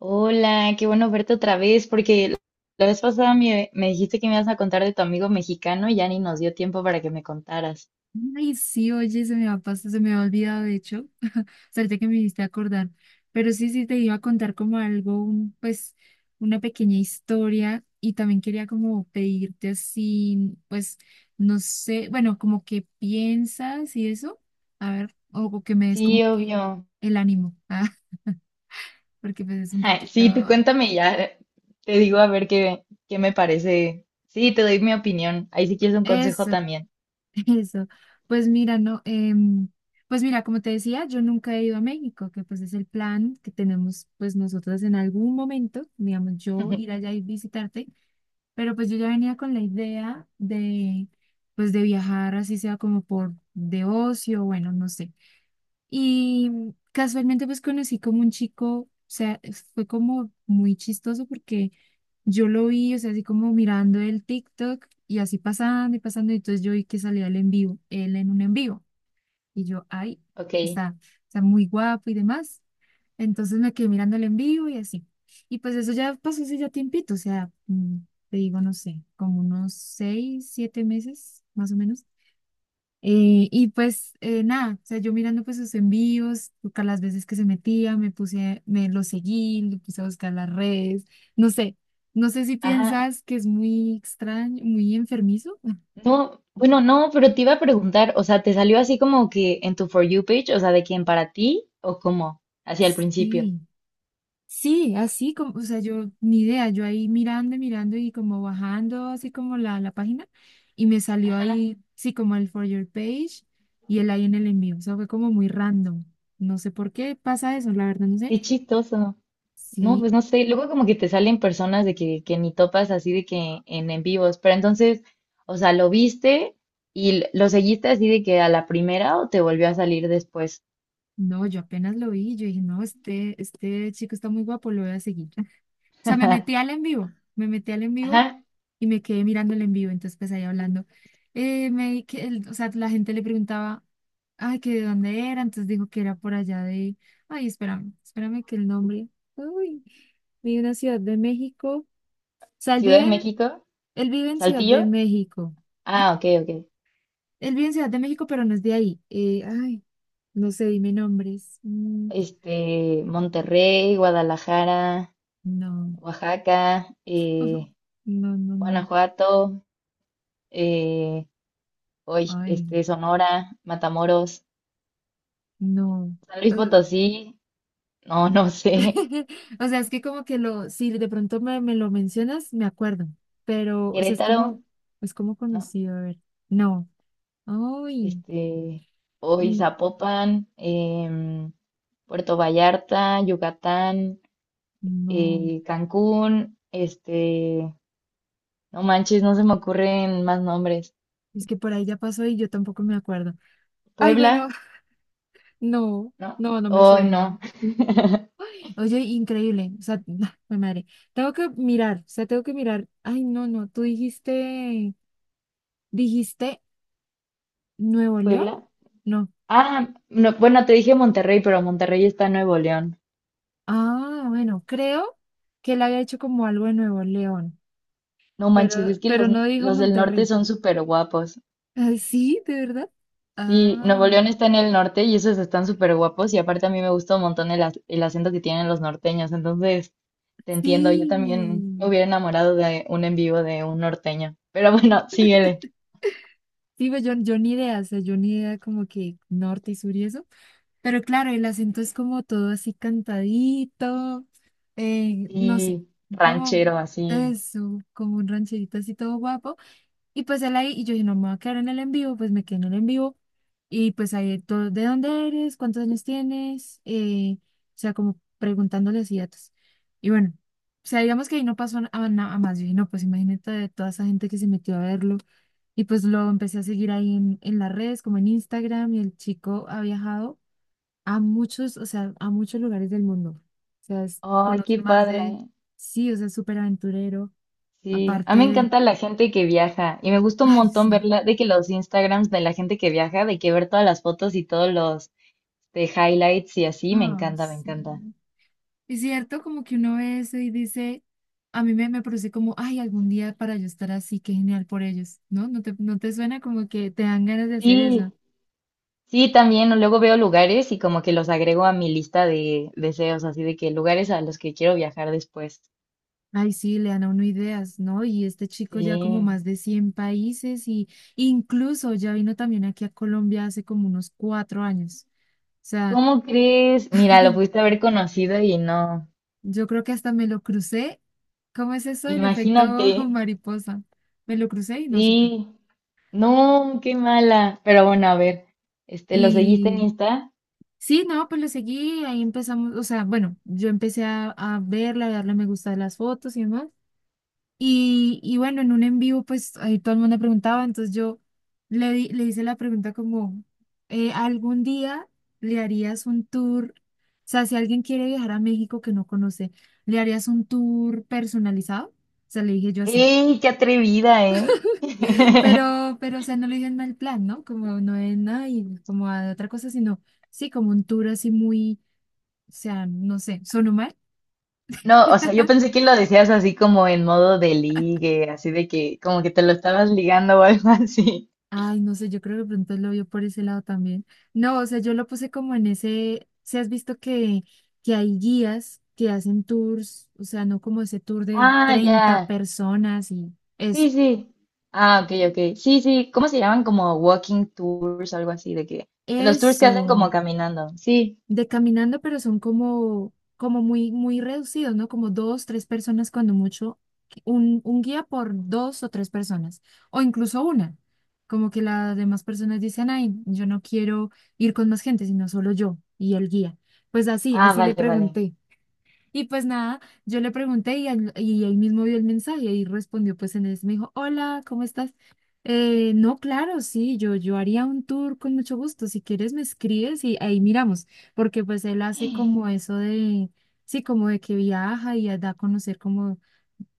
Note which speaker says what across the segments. Speaker 1: Hola, qué bueno verte otra vez, porque la vez pasada me dijiste que me ibas a contar de tu amigo mexicano y ya ni nos dio tiempo para que me contaras.
Speaker 2: Ay, sí, oye, se me va a pasar se me ha olvidado, de hecho, o sea, ahorita que me hiciste acordar, pero sí, sí, te iba a contar como algo, pues, una pequeña historia y también quería como pedirte así, pues, no sé, bueno, como que piensas y eso, a ver, o que me des
Speaker 1: Sí,
Speaker 2: como que
Speaker 1: obvio.
Speaker 2: el ánimo, ah, porque pues es un
Speaker 1: Sí, tú
Speaker 2: poquito,
Speaker 1: cuéntame y ya, te digo a ver qué me parece. Sí, te doy mi opinión. Ahí si quieres un consejo
Speaker 2: eso,
Speaker 1: también.
Speaker 2: eso, pues mira, no, pues mira, como te decía, yo nunca he ido a México, que pues es el plan que tenemos pues nosotros en algún momento, digamos, yo ir allá y visitarte, pero pues yo ya venía con la idea de pues de viajar así sea como por de ocio, bueno, no sé. Y casualmente pues conocí como un chico, o sea, fue como muy chistoso porque yo lo vi, o sea, así como mirando el TikTok y así pasando y pasando, y entonces yo vi que salía el en vivo, él en un en vivo, y yo, ay,
Speaker 1: Ok.
Speaker 2: está, está muy guapo y demás. Entonces me quedé mirando el en vivo y así. Y pues eso ya pasó hace ya tiempito, o sea, te digo, no sé, como unos 6, 7 meses, más o menos. Y pues nada, o sea, yo mirando pues sus envíos, buscar las veces que se metía, me puse, me lo seguí, le puse a buscar las redes, no sé, no sé, si
Speaker 1: Ajá.
Speaker 2: piensas que es muy extraño, muy enfermizo.
Speaker 1: No, bueno, no, pero te iba a preguntar, o sea, ¿te salió así como que en tu For You page, o sea, de quién para ti o cómo? Hacia el principio.
Speaker 2: Sí, sí, así como, o sea, yo ni idea, yo ahí mirando, y mirando y como bajando así como la página y me salió ahí, sí, como el For Your Page y él ahí en el envío, o sea, fue como muy random, no sé por qué pasa eso, la verdad no sé.
Speaker 1: Qué chistoso. No, pues
Speaker 2: Sí.
Speaker 1: no sé, luego como que te salen personas de que ni topas así de que en vivos, pero entonces, o sea, lo viste y lo seguiste así de que a la primera o te volvió a salir después.
Speaker 2: No, yo apenas lo vi, yo dije, no, este chico está muy guapo, lo voy a seguir. O sea, me metí al en vivo, me metí al en vivo
Speaker 1: Ajá,
Speaker 2: y me quedé mirando el en vivo, entonces pues ahí hablando. Me, di que o sea, la gente le preguntaba, ay, que de dónde era, entonces dijo que era por allá de, ay, espérame, espérame que el nombre, uy, vive en una ciudad de México, o sea, él
Speaker 1: Ciudad
Speaker 2: vive
Speaker 1: de
Speaker 2: en,
Speaker 1: México,
Speaker 2: él vive en Ciudad de
Speaker 1: Saltillo,
Speaker 2: México,
Speaker 1: ah, ok, ok.
Speaker 2: él vive en Ciudad de México, pero no es de ahí, ay, no sé, dime nombres. Mm,
Speaker 1: Este, Monterrey, Guadalajara,
Speaker 2: no.
Speaker 1: Oaxaca,
Speaker 2: Ujú.
Speaker 1: eh,
Speaker 2: No, no, no.
Speaker 1: Guanajuato, eh, hoy,
Speaker 2: Ay,
Speaker 1: este, Sonora, Matamoros,
Speaker 2: no.
Speaker 1: San Luis
Speaker 2: Ugh.
Speaker 1: Potosí, no, no sé,
Speaker 2: O sea, es que como que si de pronto me lo mencionas, me acuerdo. Pero, o sea, es
Speaker 1: Querétaro.
Speaker 2: como, es como
Speaker 1: No.
Speaker 2: conocido, a ver. No. Ay,
Speaker 1: Este, hoy
Speaker 2: y-
Speaker 1: Zapopan, Puerto Vallarta, Yucatán,
Speaker 2: no.
Speaker 1: Cancún, este, no manches, no se me ocurren más nombres.
Speaker 2: Es que por ahí ya pasó y yo tampoco me acuerdo. Ay, bueno,
Speaker 1: Puebla,
Speaker 2: no,
Speaker 1: ¿no?
Speaker 2: no, no me
Speaker 1: Oh,
Speaker 2: suena.
Speaker 1: no,
Speaker 2: Ay, oye, increíble. O sea, me madre. Tengo que mirar, o sea, tengo que mirar. Ay, no, no. Tú dijiste Nuevo León.
Speaker 1: Puebla.
Speaker 2: No.
Speaker 1: Ah, no, bueno, te dije Monterrey, pero Monterrey está en Nuevo León.
Speaker 2: Ah, bueno, creo que él había hecho como algo de Nuevo León,
Speaker 1: No manches,
Speaker 2: pero,
Speaker 1: es que
Speaker 2: pero no dijo
Speaker 1: los del norte
Speaker 2: Monterrey.
Speaker 1: son súper guapos.
Speaker 2: Ay, sí, ¿de verdad?
Speaker 1: Sí,
Speaker 2: Ah,
Speaker 1: Nuevo León está en el norte y esos están súper guapos y aparte a mí me gusta un montón el, el acento que tienen los norteños, entonces te entiendo, yo también me
Speaker 2: sí.
Speaker 1: hubiera enamorado de un en vivo de un norteño, pero bueno, síguele,
Speaker 2: Sí, pues yo ni idea, o sea, yo ni idea como que norte y sur y eso. Pero claro, el acento es como todo así cantadito, no sé,
Speaker 1: sí,
Speaker 2: como
Speaker 1: ranchero así,
Speaker 2: eso, como un rancherito así todo guapo. Y pues él ahí, y yo dije, no me voy a quedar en el en vivo, pues me quedé en el en vivo. Y pues ahí todo, ¿de dónde eres? ¿Cuántos años tienes? O sea, como preguntándole así datos. Y bueno, o sea, digamos que ahí no pasó a más. Yo dije, no, pues imagínate de toda esa gente que se metió a verlo. Y pues lo empecé a seguir ahí en las redes, como en Instagram, y el chico ha viajado a muchos, o sea, a muchos lugares del mundo. O sea,
Speaker 1: ay, qué
Speaker 2: conoce más
Speaker 1: padre,
Speaker 2: de,
Speaker 1: ¿eh?
Speaker 2: sí, o sea, es súper aventurero.
Speaker 1: Sí, a mí me
Speaker 2: Aparte,
Speaker 1: encanta la gente que viaja y me gusta un
Speaker 2: ay,
Speaker 1: montón
Speaker 2: sí.
Speaker 1: verla, de que los Instagrams de la gente que viaja, de que ver todas las fotos y todos los de highlights y así, me
Speaker 2: Ay,
Speaker 1: encanta, me
Speaker 2: sí.
Speaker 1: encanta.
Speaker 2: Es cierto, como que uno ve eso y dice, a mí me produce como, ay, algún día para yo estar así, qué genial por ellos, ¿no? ¿No te suena como que te dan ganas de hacer
Speaker 1: Sí,
Speaker 2: eso?
Speaker 1: sí, también o luego veo lugares y como que los agrego a mi lista de deseos, así de que lugares a los que quiero viajar después.
Speaker 2: Ay, sí, le dan a uno ideas, ¿no? Y este chico ya como
Speaker 1: Sí.
Speaker 2: más de 100 países y incluso ya vino también aquí a Colombia hace como unos 4 años. O sea,
Speaker 1: ¿Cómo crees? Mira, lo pudiste haber conocido y no.
Speaker 2: yo creo que hasta me lo crucé. ¿Cómo es eso del efecto
Speaker 1: Imagínate.
Speaker 2: mariposa? Me lo crucé y no supe.
Speaker 1: Sí. No, qué mala. Pero bueno, a ver. Este, ¿lo seguiste en
Speaker 2: y
Speaker 1: Insta?
Speaker 2: Sí, no, pues lo seguí, ahí empezamos, o sea, bueno, yo empecé a verla, a darle me gusta a las fotos y demás. Y bueno, en un en vivo, pues ahí todo el mundo preguntaba, entonces yo le hice la pregunta como, ¿algún día le harías un tour? O sea, si alguien quiere viajar a México que no conoce, ¿le harías un tour personalizado? O sea, le dije yo así.
Speaker 1: ¡Ey, qué atrevida, eh!
Speaker 2: Pero, o sea, no lo dije en mal plan, ¿no? Como no es nada y como a otra cosa, sino sí, como un tour así muy. O sea, no sé, ¿sonó mal?
Speaker 1: No, o sea, yo pensé que lo decías así como en modo de ligue, así de que como que te lo estabas ligando o algo así.
Speaker 2: Ay, no sé, yo creo que de pronto lo vio por ese lado también. No, o sea, yo lo puse como en ese, si has visto que hay guías que hacen tours, o sea, no como ese tour de
Speaker 1: Ah,
Speaker 2: 30
Speaker 1: ya.
Speaker 2: personas y eso.
Speaker 1: Sí, sí. Ah, ok, ok. Sí, sí. ¿Cómo se llaman? Como walking tours, algo así, de que, de los tours que hacen como
Speaker 2: Eso.
Speaker 1: caminando. Sí.
Speaker 2: De caminando, pero son como muy, muy reducidos, ¿no? Como dos, tres personas cuando mucho, un guía por dos o tres personas, o incluso una. Como que las demás personas dicen, ay, yo no quiero ir con más gente, sino solo yo y el guía. Pues así,
Speaker 1: Ah,
Speaker 2: así le
Speaker 1: vale, vale.
Speaker 2: pregunté. Y pues nada, yo le pregunté y él mismo vio el mensaje y respondió pues en eso. Me dijo, hola, ¿cómo estás? No, claro, sí, yo haría un tour con mucho gusto. Si quieres me escribes y ahí miramos, porque pues él hace como eso de, sí, como de que viaja y da a conocer como,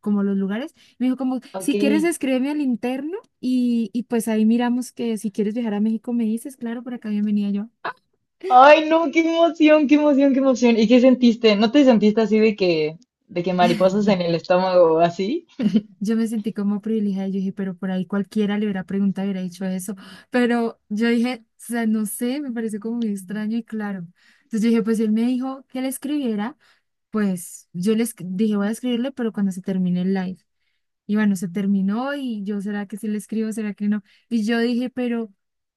Speaker 2: como los lugares. Me dijo como,
Speaker 1: Ok.
Speaker 2: si quieres escríbeme al interno y pues ahí miramos que si quieres viajar a México me dices, claro, por acá bienvenida yo.
Speaker 1: Ay, no, qué emoción, qué emoción, qué emoción. ¿Y qué sentiste? ¿No te sentiste así de que mariposas en el estómago o así?
Speaker 2: Yo me sentí como privilegiada, y yo dije, pero por ahí cualquiera le hubiera preguntado, hubiera dicho eso, pero yo dije, o sea, no sé, me pareció como muy extraño y claro. Entonces yo dije, pues él me dijo que le escribiera, pues yo le dije, voy a escribirle, pero cuando se termine el live. Y bueno, se terminó y yo, ¿será que sí le escribo, será que no? Y yo dije, pero,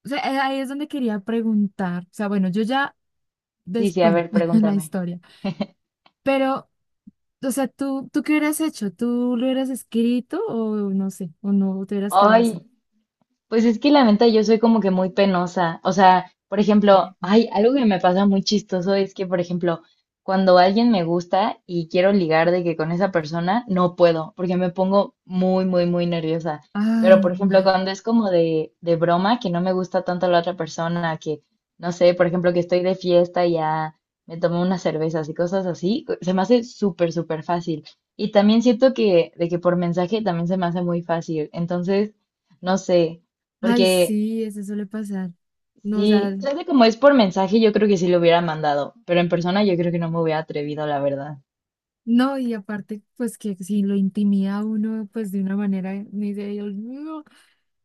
Speaker 2: o sea, ahí es donde quería preguntar, o sea, bueno, yo ya,
Speaker 1: Sí, sí, a
Speaker 2: bueno,
Speaker 1: ver,
Speaker 2: la
Speaker 1: pregúntame.
Speaker 2: historia. Pero o sea, ¿Tú qué hubieras hecho? ¿Tú lo hubieras escrito o no sé, o no, o te hubieras quedado
Speaker 1: Ay,
Speaker 2: así?
Speaker 1: pues es que la neta yo soy como que muy penosa. O sea, por ejemplo, hay algo que me pasa muy chistoso es que, por ejemplo, cuando alguien me gusta y quiero ligar de que con esa persona, no puedo, porque me pongo muy, muy, muy nerviosa.
Speaker 2: Ay,
Speaker 1: Pero, por
Speaker 2: no.
Speaker 1: ejemplo, cuando es como de broma, que no me gusta tanto la otra persona, que, no sé, por ejemplo, que estoy de fiesta y ya me tomo unas cervezas y cosas así, se me hace súper, súper fácil. Y también siento que, de que por mensaje también se me hace muy fácil. Entonces no sé,
Speaker 2: Ay,
Speaker 1: porque
Speaker 2: sí, eso suele pasar. No, o sea,
Speaker 1: sí, tal vez como es por mensaje, yo creo que sí lo hubiera mandado, pero en persona yo creo que no me hubiera atrevido, la verdad.
Speaker 2: no, y aparte, pues que si lo intimida a uno, pues de una manera, ni de Dios mío.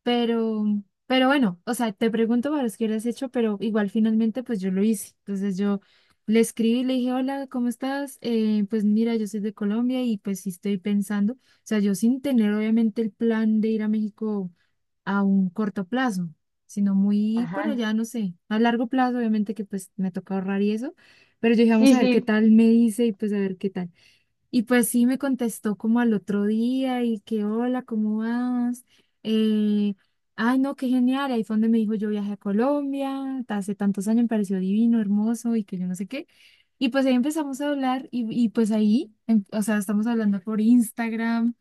Speaker 2: Pero, pero bueno, o sea, te pregunto para los que lo has hecho, pero igual finalmente pues yo lo hice. Entonces yo le escribí, le dije, hola, ¿cómo estás? Pues mira, yo soy de Colombia y pues sí estoy pensando, o sea, yo sin tener obviamente el plan de ir a México a un corto plazo, sino muy por
Speaker 1: Ajá.
Speaker 2: allá, no sé, a largo plazo, obviamente que pues me toca ahorrar y eso, pero yo dije, vamos
Speaker 1: Sí,
Speaker 2: a ver qué
Speaker 1: sí.
Speaker 2: tal me dice y pues a ver qué tal. Y pues sí me contestó como al otro día y que hola, ¿cómo vas? Eh, ay, no, qué genial. Ahí fue donde me dijo yo viajé a Colombia, hace tantos años me pareció divino, hermoso y que yo no sé qué. Y pues ahí empezamos a hablar y pues ahí, o sea, estamos hablando por Instagram,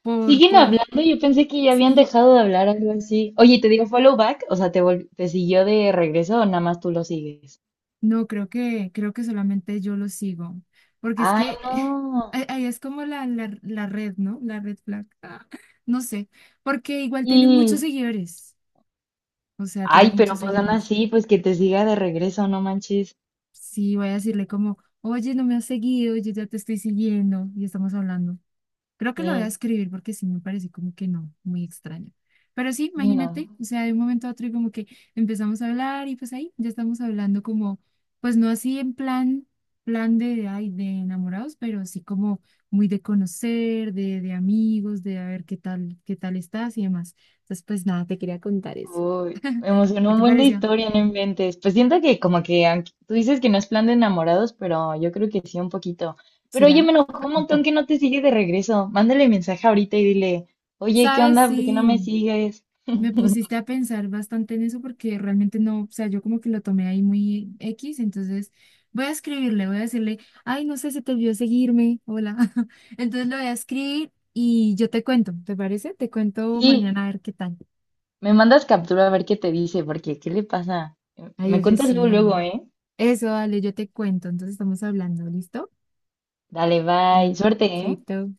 Speaker 2: por,
Speaker 1: Siguen
Speaker 2: por,
Speaker 1: hablando, yo pensé que ya habían
Speaker 2: sí,
Speaker 1: dejado de hablar, algo así. Oye, ¿te digo follow back? O sea, ¿te, te siguió de regreso o nada más tú lo sigues?
Speaker 2: no, creo que solamente yo lo sigo, porque es
Speaker 1: Ay,
Speaker 2: que
Speaker 1: no.
Speaker 2: ahí es como la red, ¿no? La red flag, no sé, porque igual tiene muchos
Speaker 1: Y,
Speaker 2: seguidores. O sea, tiene
Speaker 1: ay,
Speaker 2: muchos
Speaker 1: pero pues aún
Speaker 2: seguidores.
Speaker 1: así, pues que te siga de regreso, no manches.
Speaker 2: Sí, voy a decirle como, oye, no me has seguido, yo ya te estoy siguiendo y estamos hablando. Creo que lo voy a
Speaker 1: Sí,
Speaker 2: escribir porque sí me parece como que no, muy extraño. Pero sí,
Speaker 1: sí,
Speaker 2: imagínate,
Speaker 1: no.
Speaker 2: o sea, de un momento a otro y como que empezamos a hablar y pues ahí ya estamos hablando como, pues no así en plan de, ay, de enamorados, pero sí como muy de conocer, de amigos, de a ver qué tal, estás y demás. Entonces, pues nada, te quería contar eso.
Speaker 1: Uy, me emocionó
Speaker 2: ¿Qué
Speaker 1: un
Speaker 2: te
Speaker 1: buen de
Speaker 2: pareció?
Speaker 1: historia, no inventes. Pues siento que como que aunque tú dices que no es plan de enamorados, pero yo creo que sí un poquito. Pero oye,
Speaker 2: ¿Será?
Speaker 1: me enojó un montón que no te sigue de regreso. Mándale mensaje ahorita y dile, oye, ¿qué
Speaker 2: ¿Sabes?
Speaker 1: onda? ¿Por qué no me
Speaker 2: Sí,
Speaker 1: sigues?
Speaker 2: me pusiste a pensar bastante en eso porque realmente no, o sea, yo como que lo tomé ahí muy X, entonces voy a escribirle, voy a decirle, ay, no sé, se te olvidó seguirme, hola. Entonces lo voy a escribir y yo te cuento, ¿te parece? Te cuento
Speaker 1: Sí,
Speaker 2: mañana a ver qué tal.
Speaker 1: me mandas captura a ver qué te dice, porque ¿qué le pasa?
Speaker 2: Ay,
Speaker 1: Me
Speaker 2: oye,
Speaker 1: cuentas luego, luego,
Speaker 2: sí,
Speaker 1: ¿eh?
Speaker 2: eso, dale, yo te cuento, entonces estamos hablando, ¿listo?
Speaker 1: Dale, bye.
Speaker 2: Bueno,
Speaker 1: Suerte, ¿eh?
Speaker 2: chaito.